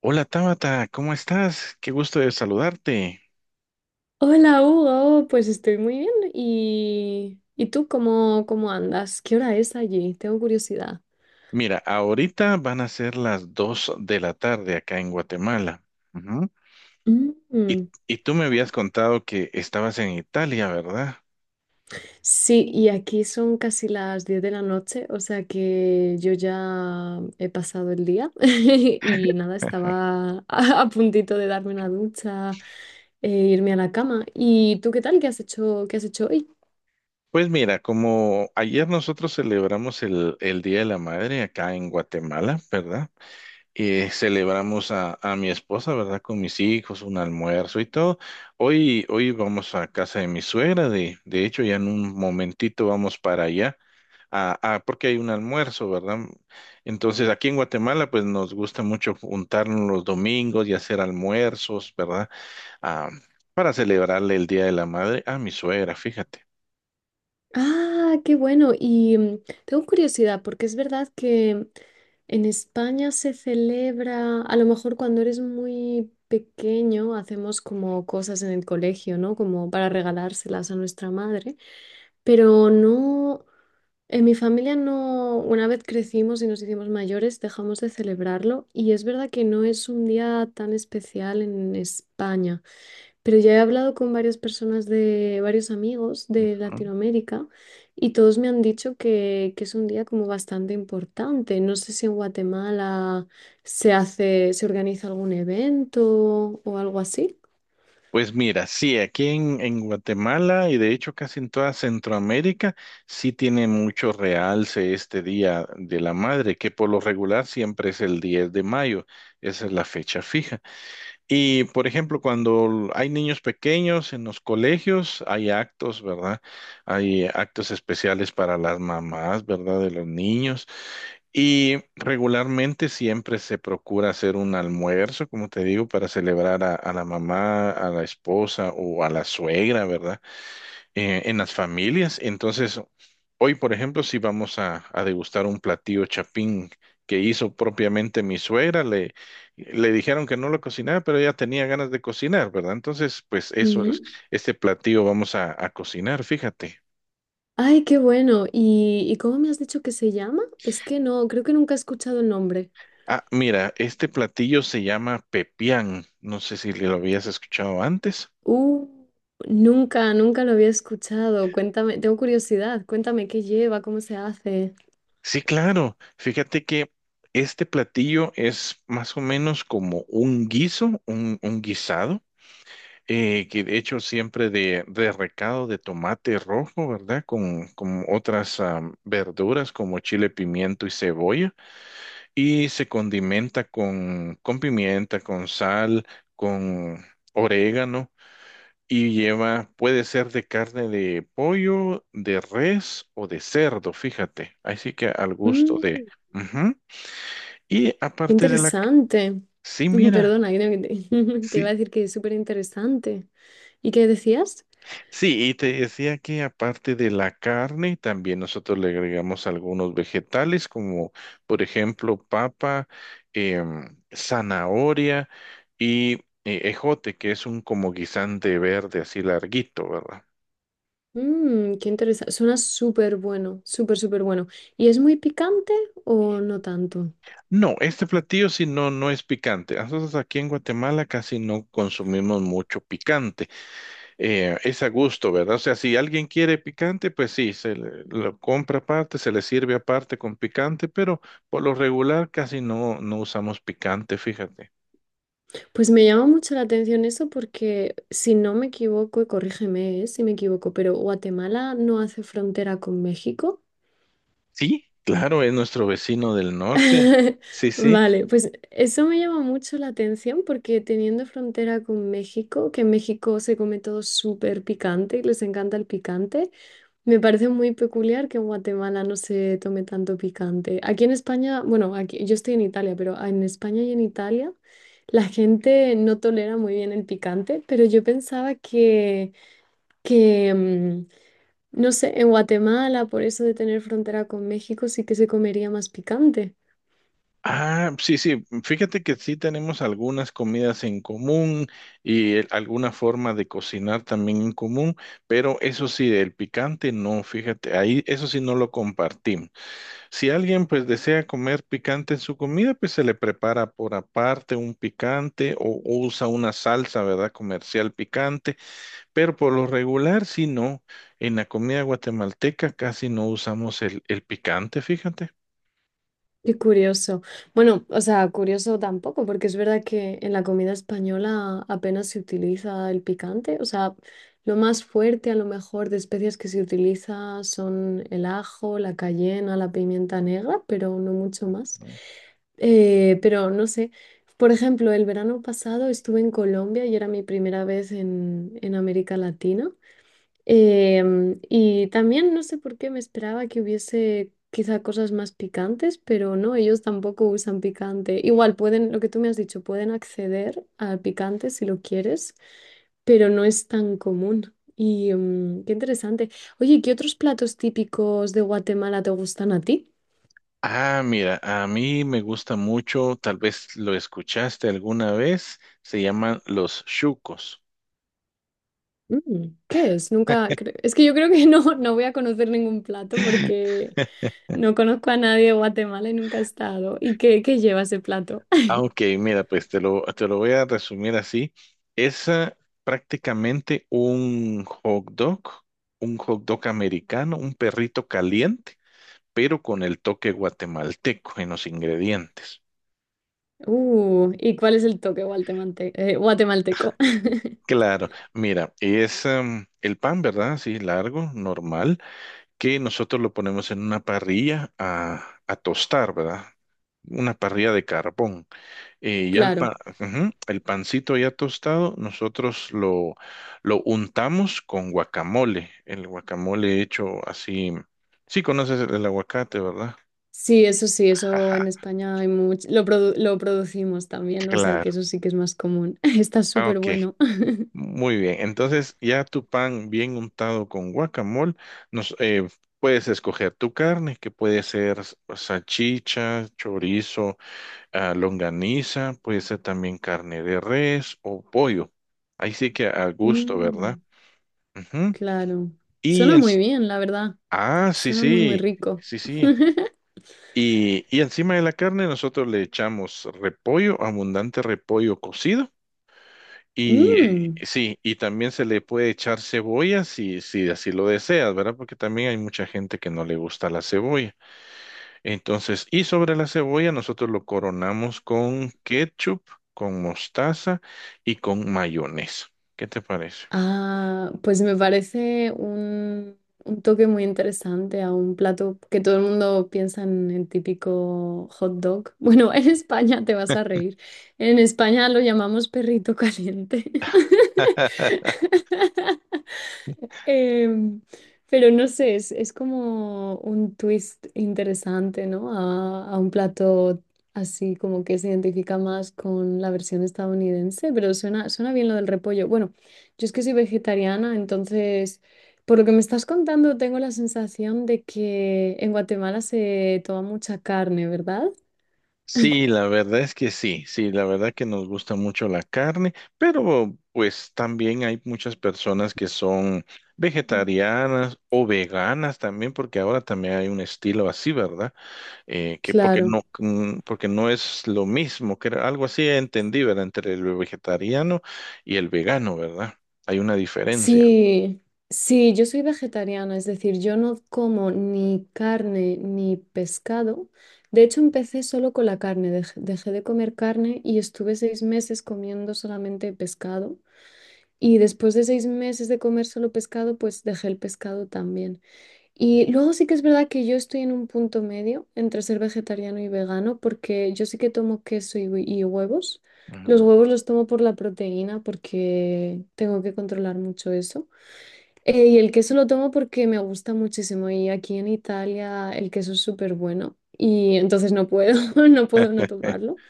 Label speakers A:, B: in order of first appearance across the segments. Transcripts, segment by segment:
A: Hola Tabata, ¿cómo estás? Qué gusto de saludarte.
B: Hola Hugo, pues estoy muy bien. ¿Y tú cómo andas? ¿Qué hora es allí? Tengo curiosidad.
A: Mira, ahorita van a ser las 2 de la tarde acá en Guatemala. Ujú. Y,
B: Mm.
A: y tú me habías contado que estabas en Italia, ¿verdad?
B: Sí, y aquí son casi las 10 de la noche, o sea que yo ya he pasado el día y nada, estaba a puntito de darme una ducha e irme a la cama. ¿Y tú qué tal? ¿Qué has hecho?
A: Pues mira, como ayer nosotros celebramos el Día de la Madre acá en Guatemala, ¿verdad? Celebramos a mi esposa, ¿verdad? Con mis hijos, un almuerzo y todo. Hoy vamos a casa de mi suegra, de hecho ya en un momentito vamos para allá. Ah, ah, porque hay un almuerzo, ¿verdad? Entonces, aquí en Guatemala, pues nos gusta mucho juntarnos los domingos y hacer almuerzos, ¿verdad? Ah, para celebrarle el Día de la Madre a mi suegra, fíjate.
B: Ah, qué bueno. Y tengo curiosidad, porque es verdad que en España se celebra, a lo mejor cuando eres muy pequeño, hacemos como cosas en el colegio, ¿no? Como para regalárselas a nuestra madre. Pero no, en mi familia no, una vez crecimos y nos hicimos mayores, dejamos de celebrarlo. Y es verdad que no es un día tan especial en España. Pero ya he hablado con varias personas de varios amigos de
A: ¿No?
B: Latinoamérica y todos me han dicho que es un día como bastante importante. No sé si en Guatemala se hace, se organiza algún evento o algo así.
A: Pues mira, sí, aquí en Guatemala y de hecho casi en toda Centroamérica, sí tiene mucho realce este Día de la Madre, que por lo regular siempre es el 10 de mayo, esa es la fecha fija. Y, por ejemplo, cuando hay niños pequeños en los colegios, hay actos, ¿verdad? Hay actos especiales para las mamás, ¿verdad? De los niños. Y regularmente siempre se procura hacer un almuerzo, como te digo, para celebrar a la mamá, a la esposa o a la suegra, ¿verdad? En las familias. Entonces, hoy, por ejemplo, si vamos a degustar un platillo chapín que hizo propiamente mi suegra, le dijeron que no lo cocinara, pero ella tenía ganas de cocinar, ¿verdad? Entonces, pues eso es,
B: Ujú.
A: este platillo vamos a cocinar, fíjate.
B: Ay, qué bueno. Y cómo me has dicho que se llama? Es que no, creo que nunca he escuchado el nombre.
A: Ah, mira, este platillo se llama pepián. No sé si lo habías escuchado antes.
B: Uh, nunca, nunca lo había escuchado. Cuéntame, tengo curiosidad. Cuéntame qué lleva, cómo se hace.
A: Sí, claro. Fíjate que este platillo es más o menos como un guiso, un guisado. Que de hecho siempre de recado de tomate rojo, ¿verdad? Con otras verduras como chile, pimiento y cebolla. Y se condimenta con pimienta, con sal, con orégano. Y lleva, puede ser de carne de pollo, de res o de cerdo, fíjate. Así que al gusto de...
B: Mm.
A: Ujú. Y
B: Qué
A: aparte de la...
B: interesante.
A: Sí, mira.
B: Perdona, creo que te, te iba
A: Sí,
B: a decir que es súper interesante. ¿Y qué decías?
A: sí, y te decía que aparte de la carne, también nosotros le agregamos algunos vegetales, como por ejemplo papa, zanahoria y ejote, que es un como guisante verde así larguito, ¿verdad?
B: Qué interesante. Suena súper bueno, súper, súper bueno. ¿Y es muy picante o no tanto?
A: No, este platillo sí no, no es picante. Nosotros aquí en Guatemala casi no consumimos mucho picante. Es a gusto, ¿verdad? O sea, si alguien quiere picante, pues sí, lo compra aparte, se le sirve aparte con picante, pero por lo regular casi no, no usamos picante, fíjate.
B: Pues me llama mucho la atención eso porque, si no me equivoco, y corrígeme, si me equivoco, pero Guatemala no hace frontera con México.
A: Sí, claro, es nuestro vecino del norte. Sí, sí.
B: Vale, pues eso me llama mucho la atención porque teniendo frontera con México, que en México se come todo súper picante y les encanta el picante, me parece muy peculiar que en Guatemala no se tome tanto picante. Aquí en España, bueno, aquí, yo estoy en Italia, pero en España y en Italia la gente no tolera muy bien el picante, pero yo pensaba que, que, mm, no sé, en Guatemala, por eso de tener frontera con México, sí que se comería más picante.
A: Ah, sí, sí. Fíjate que sí tenemos algunas comidas en común y alguna forma de cocinar también en común, pero eso sí, el picante no, fíjate, ahí eso sí no lo compartimos. Si alguien pues desea comer picante en su comida, pues se le prepara por aparte un picante o usa una salsa, ¿verdad? Comercial picante, pero por lo regular sí no. En la comida guatemalteca casi no usamos el picante, fíjate.
B: Qué curioso. Bueno, o sea, curioso tampoco, porque es verdad que en la comida española apenas se utiliza el picante. O sea, lo más fuerte a lo mejor de especias que se utiliza son el ajo, la cayena, la pimienta negra, pero no mucho más. Pero no sé, por ejemplo, el verano pasado estuve en Colombia y era mi primera vez en América Latina. Y también no sé por qué me esperaba que hubiese quizá cosas más picantes, pero no, ellos tampoco usan picante. Igual pueden, lo que tú me has dicho, pueden acceder al picante si lo quieres, pero no es tan común. Y qué interesante. Oye, ¿qué otros platos típicos de Guatemala te gustan a ti?
A: Ah, mira, a mí me gusta mucho, tal vez lo escuchaste alguna vez, se llaman los chucos.
B: Mm, ¿qué es? Nunca, es que yo creo que no, no voy a conocer ningún plato porque no conozco a nadie de Guatemala y nunca he estado. ¿Y qué, qué lleva ese plato?
A: Ah, ok, mira, pues te lo voy a resumir así. Es prácticamente un hot dog americano, un perrito caliente, pero con el toque guatemalteco en los ingredientes.
B: ¿Y cuál es el toque guatemalteco?
A: Claro, mira, es el pan, ¿verdad? Así largo, normal, que nosotros lo ponemos en una parrilla a tostar, ¿verdad? Una parrilla de carbón. Y ya
B: Claro.
A: ujú, el pancito ya tostado, nosotros lo, untamos con guacamole. El guacamole hecho así. Sí, conoces el aguacate, ¿verdad?
B: Sí, eso en
A: Ajá,
B: España hay mucho. Lo, lo producimos también, o sea que
A: claro.
B: eso sí que es más común. Está
A: Ah,
B: súper
A: ok,
B: bueno.
A: muy bien. Entonces, ya tu pan bien untado con guacamole, nos, eh, puedes escoger tu carne, que puede ser salchicha, chorizo, longaniza, puede ser también carne de res o pollo. Ahí sí que a gusto, ¿verdad?
B: Mm,
A: Ujú.
B: claro.
A: Y
B: Suena
A: en-
B: muy bien, la verdad.
A: sí,
B: Suena muy, muy
A: sí,
B: rico.
A: sí, sí. Y encima de la carne nosotros le echamos repollo, abundante repollo cocido. Y
B: Mm.
A: sí, y también se le puede echar cebolla si así lo deseas, ¿verdad? Porque también hay mucha gente que no le gusta la cebolla. Entonces, y sobre la cebolla nosotros lo coronamos con ketchup, con mostaza y con mayonesa. ¿Qué te parece?
B: Ah, pues me parece un toque muy interesante a un plato que todo el mundo piensa en el típico hot dog. Bueno, en España te vas a reír. En España lo llamamos perrito caliente. Em, pero no sé, es como un twist interesante, ¿no? A un plato así como que se identifica más con la versión estadounidense, pero suena bien lo del repollo. Bueno, yo es que soy vegetariana, entonces, por lo que me estás contando, tengo la sensación de que en Guatemala se toma mucha carne, ¿verdad?
A: Sí, la verdad es que sí, sí, la verdad que nos gusta mucho la carne, pero pues también hay muchas personas que son
B: Mm.
A: vegetarianas o veganas también, porque ahora también hay un estilo así, ¿verdad? Que porque
B: Claro.
A: no, porque no es lo mismo, que era algo así entendí, ¿verdad? Entre el vegetariano y el vegano, ¿verdad? Hay una diferencia.
B: Sí, sí, yo soy vegetariana, es decir, yo no como ni carne ni pescado. De hecho, empecé solo con la carne, dejé de comer carne y estuve 6 meses comiendo solamente pescado. Y después de 6 meses de comer solo pescado, pues dejé el pescado también. Y luego sí que es verdad que yo estoy en un punto medio entre ser vegetariano y vegano, porque yo sí que tomo queso y y huevos. Los
A: Ujú.
B: huevos los tomo por la proteína porque tengo que controlar mucho eso. Y el queso lo tomo porque me gusta muchísimo y aquí en Italia el queso es súper bueno y entonces no puedo, no puedo no tomarlo.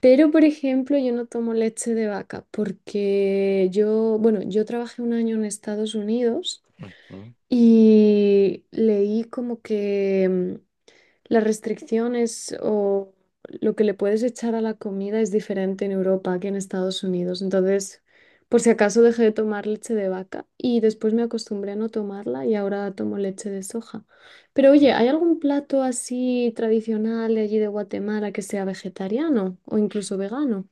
B: Pero, por ejemplo, yo no tomo leche de vaca porque yo, bueno, yo trabajé un año en Estados Unidos y leí como que las restricciones o lo que le puedes echar a la comida es diferente en Europa que en Estados Unidos. Entonces, por si acaso dejé de tomar leche de vaca y después me acostumbré a no tomarla y ahora tomo leche de soja. Pero oye, ¿hay algún plato así tradicional de allí de Guatemala que sea vegetariano o incluso vegano?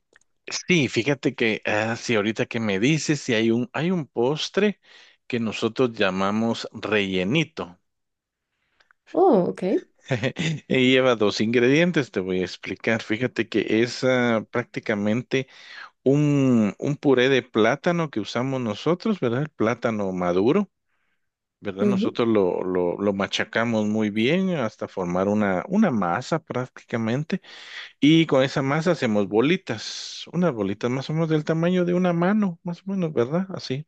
A: Sí, fíjate que, sí, ahorita que me dices, si hay un postre que nosotros llamamos rellenito.
B: Oh, ok.
A: Y lleva dos ingredientes, te voy a explicar. Fíjate que es prácticamente un puré de plátano que usamos nosotros, ¿verdad? El plátano maduro, ¿verdad?
B: Ujú,
A: Nosotros lo, lo machacamos muy bien hasta formar una masa prácticamente. Y con esa masa hacemos bolitas, unas bolitas más o menos del tamaño de una mano, más o menos, ¿verdad? Así.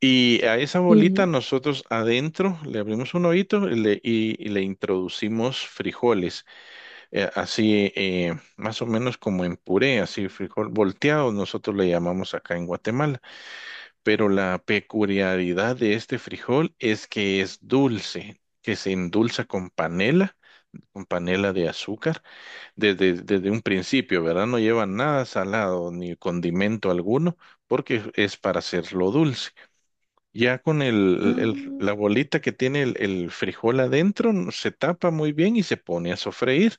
A: Y a esa bolita
B: ujú.
A: nosotros adentro le abrimos un hoyito y y le introducimos frijoles, así más o menos como en puré, así frijol volteado, nosotros le llamamos acá en Guatemala. Pero la peculiaridad de este frijol es que es dulce, que se endulza con panela de azúcar desde un principio, ¿verdad? No lleva nada salado ni condimento alguno, porque es para hacerlo dulce. Ya con
B: Ah,
A: la bolita que tiene el frijol adentro, se tapa muy bien y se pone a sofreír.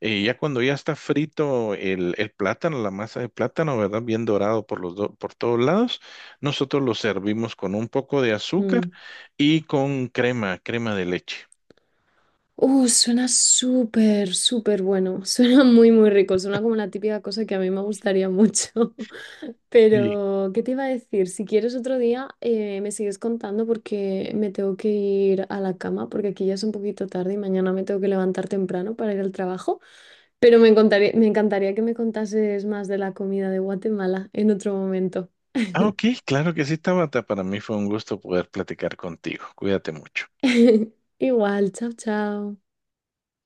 A: Ya cuando ya está frito el plátano, la masa de plátano, ¿verdad? Bien dorado por todos lados, nosotros lo servimos con un poco de azúcar
B: mm.
A: y con crema, de leche.
B: Suena súper, súper bueno. Suena muy, muy rico. Suena como la típica cosa que a mí me gustaría mucho. Pero, ¿qué te iba a decir? Si quieres otro día, me sigues contando porque me tengo que ir a la cama, porque aquí ya es un poquito tarde y mañana me tengo que levantar temprano para ir al trabajo. Pero me encantaría que me contases más de la comida de Guatemala en otro momento.
A: Ah, ok, claro que sí, Tabata. Para mí fue un gusto poder platicar contigo. Cuídate mucho.
B: Igual, chao, chao.